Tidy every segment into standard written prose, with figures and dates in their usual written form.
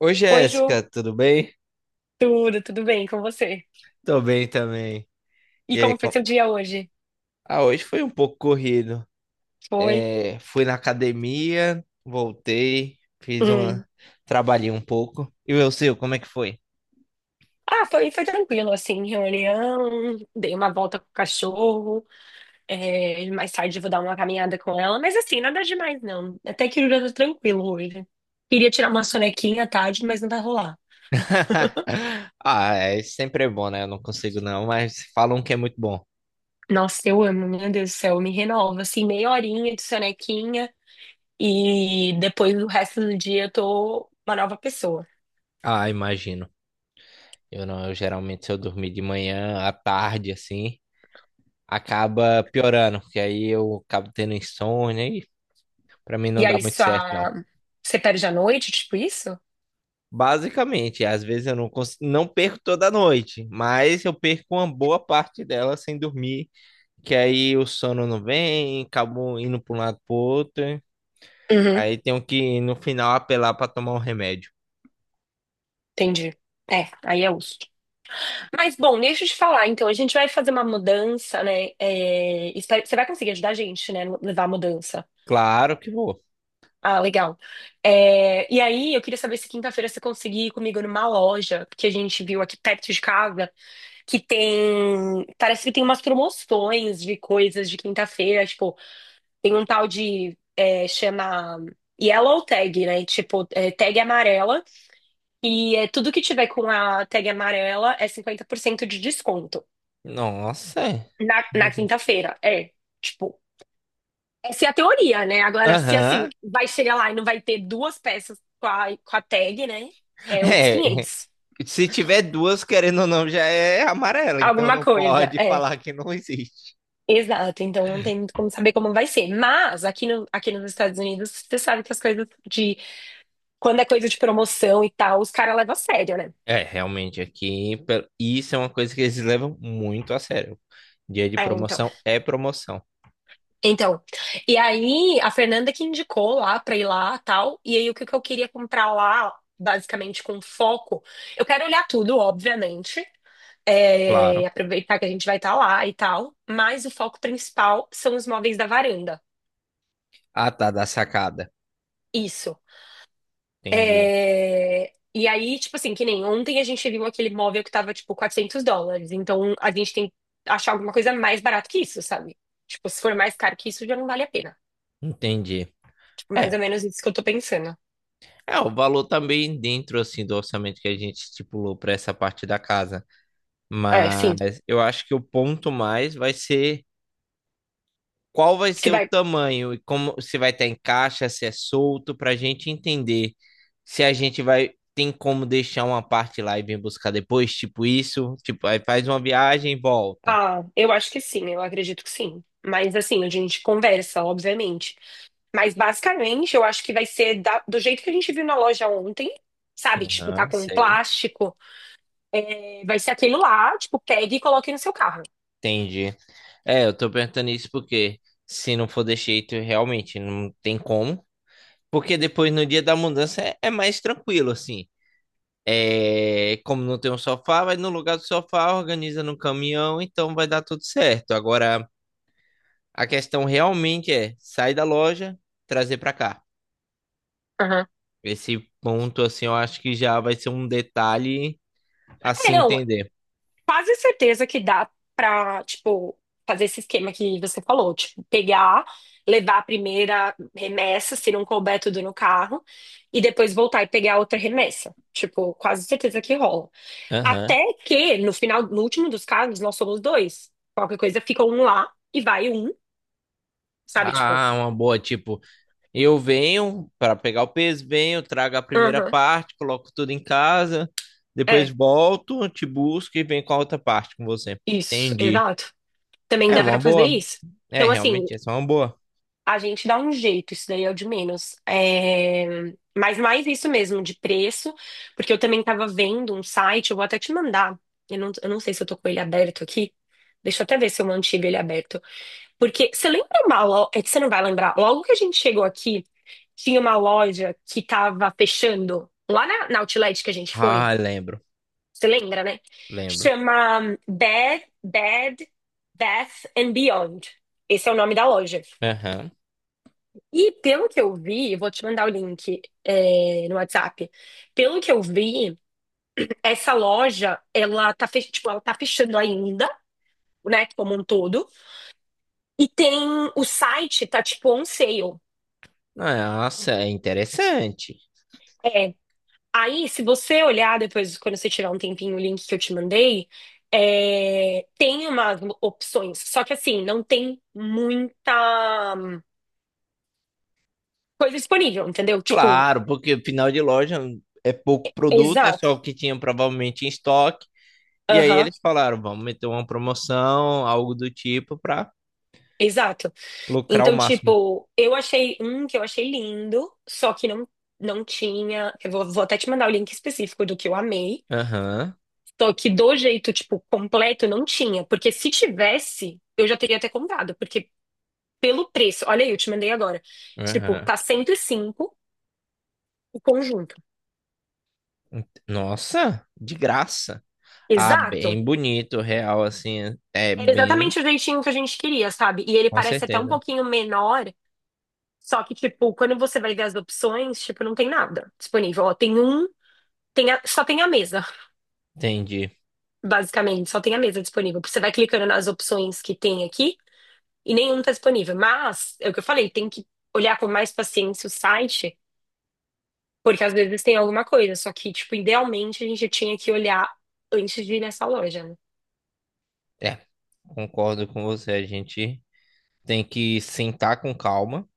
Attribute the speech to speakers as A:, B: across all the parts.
A: Oi,
B: Oi, Ju.
A: Jéssica, tudo bem?
B: Tudo, bem com você?
A: Tô bem também. E
B: E
A: aí,
B: como foi
A: com...
B: seu dia hoje?
A: Ah, hoje foi um pouco corrido.
B: Foi?
A: É, fui na academia, voltei, fiz
B: Hum.
A: uma... Trabalhei um pouco. E o seu, como é que foi?
B: Ah, foi tranquilo, assim, reunião, dei uma volta com o cachorro, mais tarde eu vou dar uma caminhada com ela, mas assim, nada demais, não. Até que o dia tá tranquilo hoje. Queria tirar uma sonequinha à tarde, mas não vai rolar.
A: Ah, é, sempre é bom, né? Eu não consigo não, mas falam que é muito bom.
B: Nossa, eu amo, meu Deus do céu, me renova, assim, meia horinha de sonequinha e depois o resto do dia eu tô uma nova pessoa.
A: Ah, imagino. Eu não, eu geralmente se eu dormir de manhã, à tarde, assim, acaba piorando, porque aí eu acabo tendo insônia e pra mim
B: E
A: não dá
B: aí,
A: muito
B: só...
A: certo, não.
B: você perde a noite, tipo isso?
A: Basicamente, às vezes eu não perco toda noite, mas eu perco uma boa parte dela sem dormir, que aí o sono não vem, acabo indo para um lado para outro,
B: Uhum,
A: aí tenho que no final apelar para tomar um remédio.
B: entendi. É, aí é uso. Mas, bom, deixa eu te falar. Então, a gente vai fazer uma mudança, né? Espero- você vai conseguir ajudar a gente, né? Levar a mudança.
A: Claro que vou.
B: Ah, legal. É, e aí, eu queria saber se quinta-feira você conseguir ir comigo numa loja que a gente viu aqui perto de casa, que tem. Parece que tem umas promoções de coisas de quinta-feira. Tipo, tem um tal de. Chama Yellow Tag, né? Tipo, é, tag amarela. E é, tudo que tiver com a tag amarela é 50% de desconto.
A: Nossa, é.
B: Na quinta-feira, é. Tipo, essa é a teoria, né? Agora, se assim,
A: Aham.
B: vai chegar lá e não vai ter duas peças com a tag, né? É outros
A: É,
B: 500
A: se tiver duas, querendo ou não, já é amarela, então
B: Alguma
A: não
B: coisa,
A: pode
B: é.
A: falar que não existe.
B: Exato, então não tem muito como saber como vai ser. Mas aqui, no, aqui nos Estados Unidos, você sabe que as coisas de. Quando é coisa de promoção e tal, os caras levam a sério, né?
A: É, realmente aqui. Isso é uma coisa que eles levam muito a sério. Dia de
B: É, então.
A: promoção é promoção,
B: Então, e aí a Fernanda que indicou lá pra ir lá, tal, e aí o que que eu queria comprar lá, basicamente com foco, eu quero olhar tudo, obviamente,
A: claro.
B: aproveitar que a gente vai estar lá e tal, mas o foco principal são os móveis da varanda.
A: Ah, tá, da sacada.
B: Isso.
A: Entendi.
B: E aí, tipo assim, que nem ontem a gente viu aquele móvel que tava tipo US$ 400, então a gente tem que achar alguma coisa mais barata que isso, sabe? Tipo, se for mais caro que isso, já não vale a pena.
A: Entendi.
B: Tipo, mais
A: É,
B: ou menos isso que eu tô pensando.
A: é o valor também dentro assim do orçamento que a gente estipulou para essa parte da casa,
B: É, sim.
A: mas eu acho que o ponto mais vai ser qual vai
B: Se
A: ser o
B: vai.
A: tamanho e como se vai estar em caixa, se é solto, para a gente entender se a gente vai tem como deixar uma parte lá e vir buscar depois, tipo isso, tipo aí faz uma viagem e volta.
B: Ah, eu acho que sim, eu acredito que sim. Mas assim, a gente conversa, obviamente. Mas basicamente, eu acho que vai ser da- do jeito que a gente viu na loja ontem, sabe? Tipo, tá
A: Aham,
B: com um
A: sei,
B: plástico. Vai ser aquilo lá, tipo, pegue e coloque no seu carro.
A: entendi. É, eu tô perguntando isso porque se não for desse jeito, realmente não tem como. Porque depois no dia da mudança é, é mais tranquilo, assim. É, como não tem um sofá, vai no lugar do sofá, organiza no caminhão, então vai dar tudo certo. Agora, a questão realmente é sair da loja, trazer para cá.
B: Aham.
A: Esse ponto, assim, eu acho que já vai ser um detalhe a
B: É,
A: se
B: não,
A: entender.
B: quase certeza que dá pra, tipo, fazer esse esquema que você falou, tipo, pegar, levar a primeira remessa, se não couber tudo no carro, e depois voltar e pegar outra remessa. Tipo, quase certeza que rola.
A: Aham.
B: Até que no final, no último dos casos, nós somos dois. Qualquer coisa fica um lá e vai um, sabe? Tipo,
A: Ah, uma boa. Tipo, eu venho para pegar o peso, venho, trago a primeira
B: aham,
A: parte, coloco tudo em casa, depois
B: é,
A: volto, te busco e venho com a outra parte com você.
B: isso,
A: Entendi.
B: exato. Também
A: É
B: dá
A: uma
B: pra fazer
A: boa.
B: isso.
A: É,
B: Então, assim,
A: realmente, essa é uma boa.
B: a gente dá um jeito, isso daí é o de menos. É, mas mais isso mesmo, de preço, porque eu também estava vendo um site, eu vou até te mandar. Eu não sei se eu tô com ele aberto aqui. Deixa eu até ver se eu mantive ele aberto. Porque você lembra uma loja. É que você não vai lembrar. Logo que a gente chegou aqui, tinha uma loja que tava fechando lá na Outlet que a gente foi.
A: Ah, lembro,
B: Você lembra, né?
A: lembro.
B: Chama Bed, Bath and Beyond. Esse é o nome da loja.
A: Aham.
B: E pelo que eu vi, vou te mandar o link, é, no WhatsApp. Pelo que eu vi, essa loja, ela tá, fech... tipo, ela tá fechando ainda, né, como um todo. E tem o site, tá tipo on sale.
A: Nossa, é interessante.
B: É. Aí, se você olhar depois, quando você tiver um tempinho, o link que eu te mandei, é, tem umas opções. Só que assim, não tem muita coisa disponível, entendeu? Tipo,
A: Claro, porque final de loja é pouco produto, é
B: exato.
A: só o que tinha provavelmente em estoque. E aí
B: Aham.
A: eles falaram, vamos meter uma promoção, algo do tipo, para
B: Exato.
A: lucrar o
B: Então,
A: máximo.
B: tipo, eu achei um que eu achei lindo, só que não, não tinha. Vou até te mandar o link específico do que eu amei.
A: Aham,
B: Só que do jeito, tipo, completo, não tinha. Porque se tivesse, eu já teria até comprado. Porque pelo preço, olha aí, eu te mandei agora. Tipo,
A: aham.
B: tá 105 o conjunto.
A: Nossa, de graça. Ah,
B: Exato.
A: bem bonito, real, assim, é
B: Era
A: bem,
B: exatamente o jeitinho que a gente queria, sabe? E ele
A: com
B: parece até um
A: certeza.
B: pouquinho menor. Só que, tipo, quando você vai ver as opções, tipo, não tem nada disponível. Ó, tem um só tem a mesa,
A: Entendi.
B: basicamente, só tem a mesa disponível. Você vai clicando nas opções que tem aqui e nenhum tá disponível. Mas, é o que eu falei, tem que olhar com mais paciência o site, porque às vezes tem alguma coisa. Só que, tipo, idealmente a gente tinha que olhar antes de ir nessa loja, né?
A: É, concordo com você, a gente tem que sentar com calma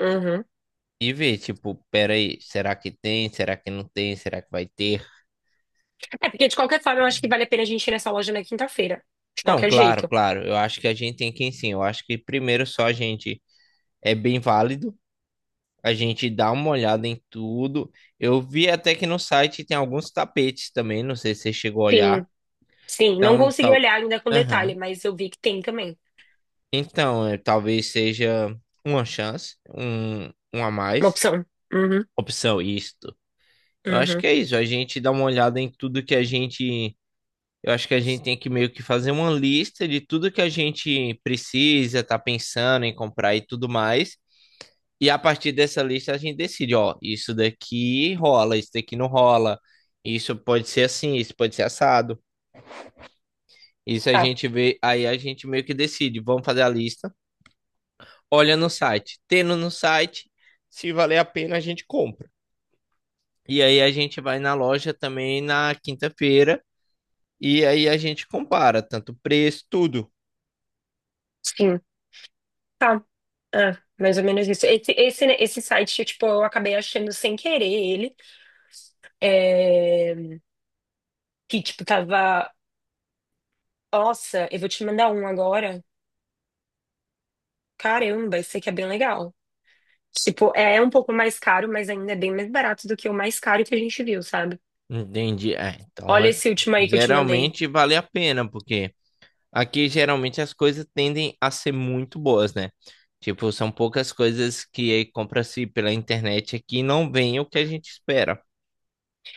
B: Uhum.
A: e ver, tipo, peraí, será que tem? Será que não tem? Será que vai ter?
B: É, porque de qualquer forma eu acho que vale a pena a gente ir nessa loja na quinta-feira. De
A: Não,
B: qualquer
A: claro,
B: jeito.
A: claro. Eu acho que a gente tem que, sim. Eu acho que primeiro só a gente é bem válido. A gente dá uma olhada em tudo. Eu vi até que no site tem alguns tapetes também. Não sei se você chegou a olhar.
B: Sim, sim. Não
A: Então,
B: consegui
A: tal.
B: olhar ainda com detalhe,
A: Aham.
B: mas eu vi que tem também.
A: Então, é, talvez seja uma chance, um a
B: Uma
A: mais.
B: opção. Uhum,
A: Opção, isto. Eu acho
B: uhum.
A: que é isso. A gente dá uma olhada em tudo que a gente. Eu acho que a gente tem que meio que fazer uma lista de tudo que a gente precisa, tá pensando em comprar e tudo mais. E a partir dessa lista a gente decide, ó, isso daqui rola, isso daqui não rola, isso pode ser assim, isso pode ser assado. Isso a
B: Tá.
A: gente vê, aí a gente meio que decide, vamos fazer a lista, olha no site, tendo no site, se valer a pena a gente compra. E aí a gente vai na loja também na quinta-feira e aí a gente compara tanto preço, tudo.
B: Sim. Tá. É, mais ou menos isso. Né, esse site, tipo, eu acabei achando sem querer ele. é, que, tipo, tava. Nossa, eu vou te mandar um agora. Caramba, esse aqui é bem legal. Tipo, é um pouco mais caro, mas ainda é bem mais barato do que o mais caro que a gente viu, sabe?
A: Entendi.
B: Olha esse último aí que eu te mandei.
A: Geralmente vale a pena, porque aqui geralmente as coisas tendem a ser muito boas, né? Tipo, são poucas coisas que compra-se pela internet aqui e não vem o que a gente espera.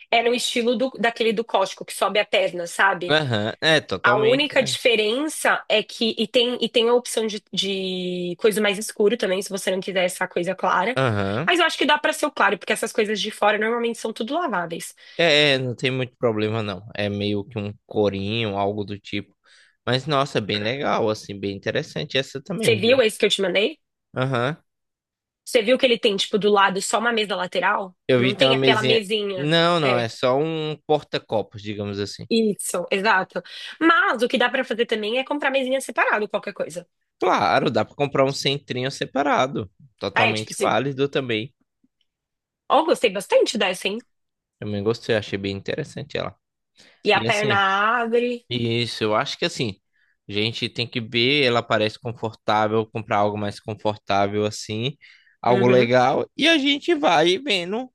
B: É no estilo daquele do Costco, que sobe a perna, sabe?
A: Aham, é
B: A
A: totalmente,
B: única
A: né?
B: diferença é que. E tem a opção de coisa mais escuro também, se você não quiser essa coisa clara.
A: Aham.
B: Mas eu acho que dá pra ser o claro, porque essas coisas de fora normalmente são tudo laváveis.
A: É, é, não tem muito problema não. É meio que um corinho, algo do tipo. Mas nossa, é bem legal, assim, bem interessante essa
B: Você
A: também, viu?
B: viu esse que eu te mandei?
A: Aham.
B: Você viu que ele tem, tipo, do lado só uma mesa lateral?
A: Eu vi
B: Não
A: tem
B: tem
A: uma
B: aquela
A: mesinha.
B: mesinha.
A: Não, não,
B: É,
A: é só um porta-copos, digamos assim.
B: isso, exato. Mas o que dá pra fazer também é comprar mesinha separada, qualquer coisa.
A: Claro, dá pra comprar um centrinho separado.
B: Ah, é, tipo,
A: Totalmente
B: se.
A: válido também.
B: Ó, gostei bastante dessa, hein?
A: Também gostei, achei bem interessante ela.
B: E a
A: E
B: perna
A: assim,
B: abre.
A: isso, eu acho que assim, a gente tem que ver, ela parece confortável, comprar algo mais confortável assim, algo
B: Uhum.
A: legal, e a gente vai vendo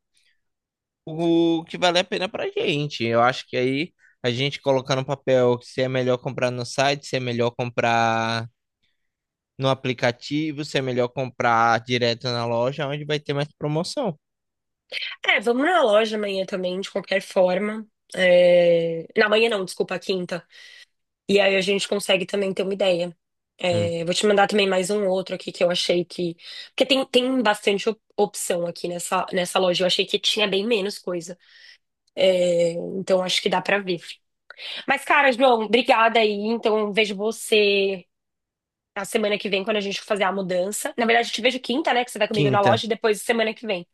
A: o que vale a pena pra gente. Eu acho que aí a gente colocar no papel se é melhor comprar no site, se é melhor comprar no aplicativo, se é melhor comprar direto na loja, onde vai ter mais promoção.
B: É, vamos na loja amanhã também, de qualquer forma. É, na manhã não, desculpa, quinta. E aí a gente consegue também ter uma ideia.
A: Hum.
B: É, vou te mandar também mais um outro aqui que eu achei que. Porque tem bastante opção aqui nessa loja. Eu achei que tinha bem menos coisa. É, então acho que dá pra ver. Mas, cara, João, obrigada aí. Então eu vejo você na semana que vem, quando a gente for fazer a mudança. Na verdade, eu te vejo quinta, né? Que você vai comigo na
A: Quinta,
B: loja e depois semana que vem.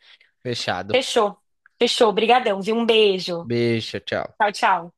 A: fechado.
B: Fechou. Fechou. Obrigadão, viu? Um beijo.
A: Beijo, tchau.
B: Tchau, tchau.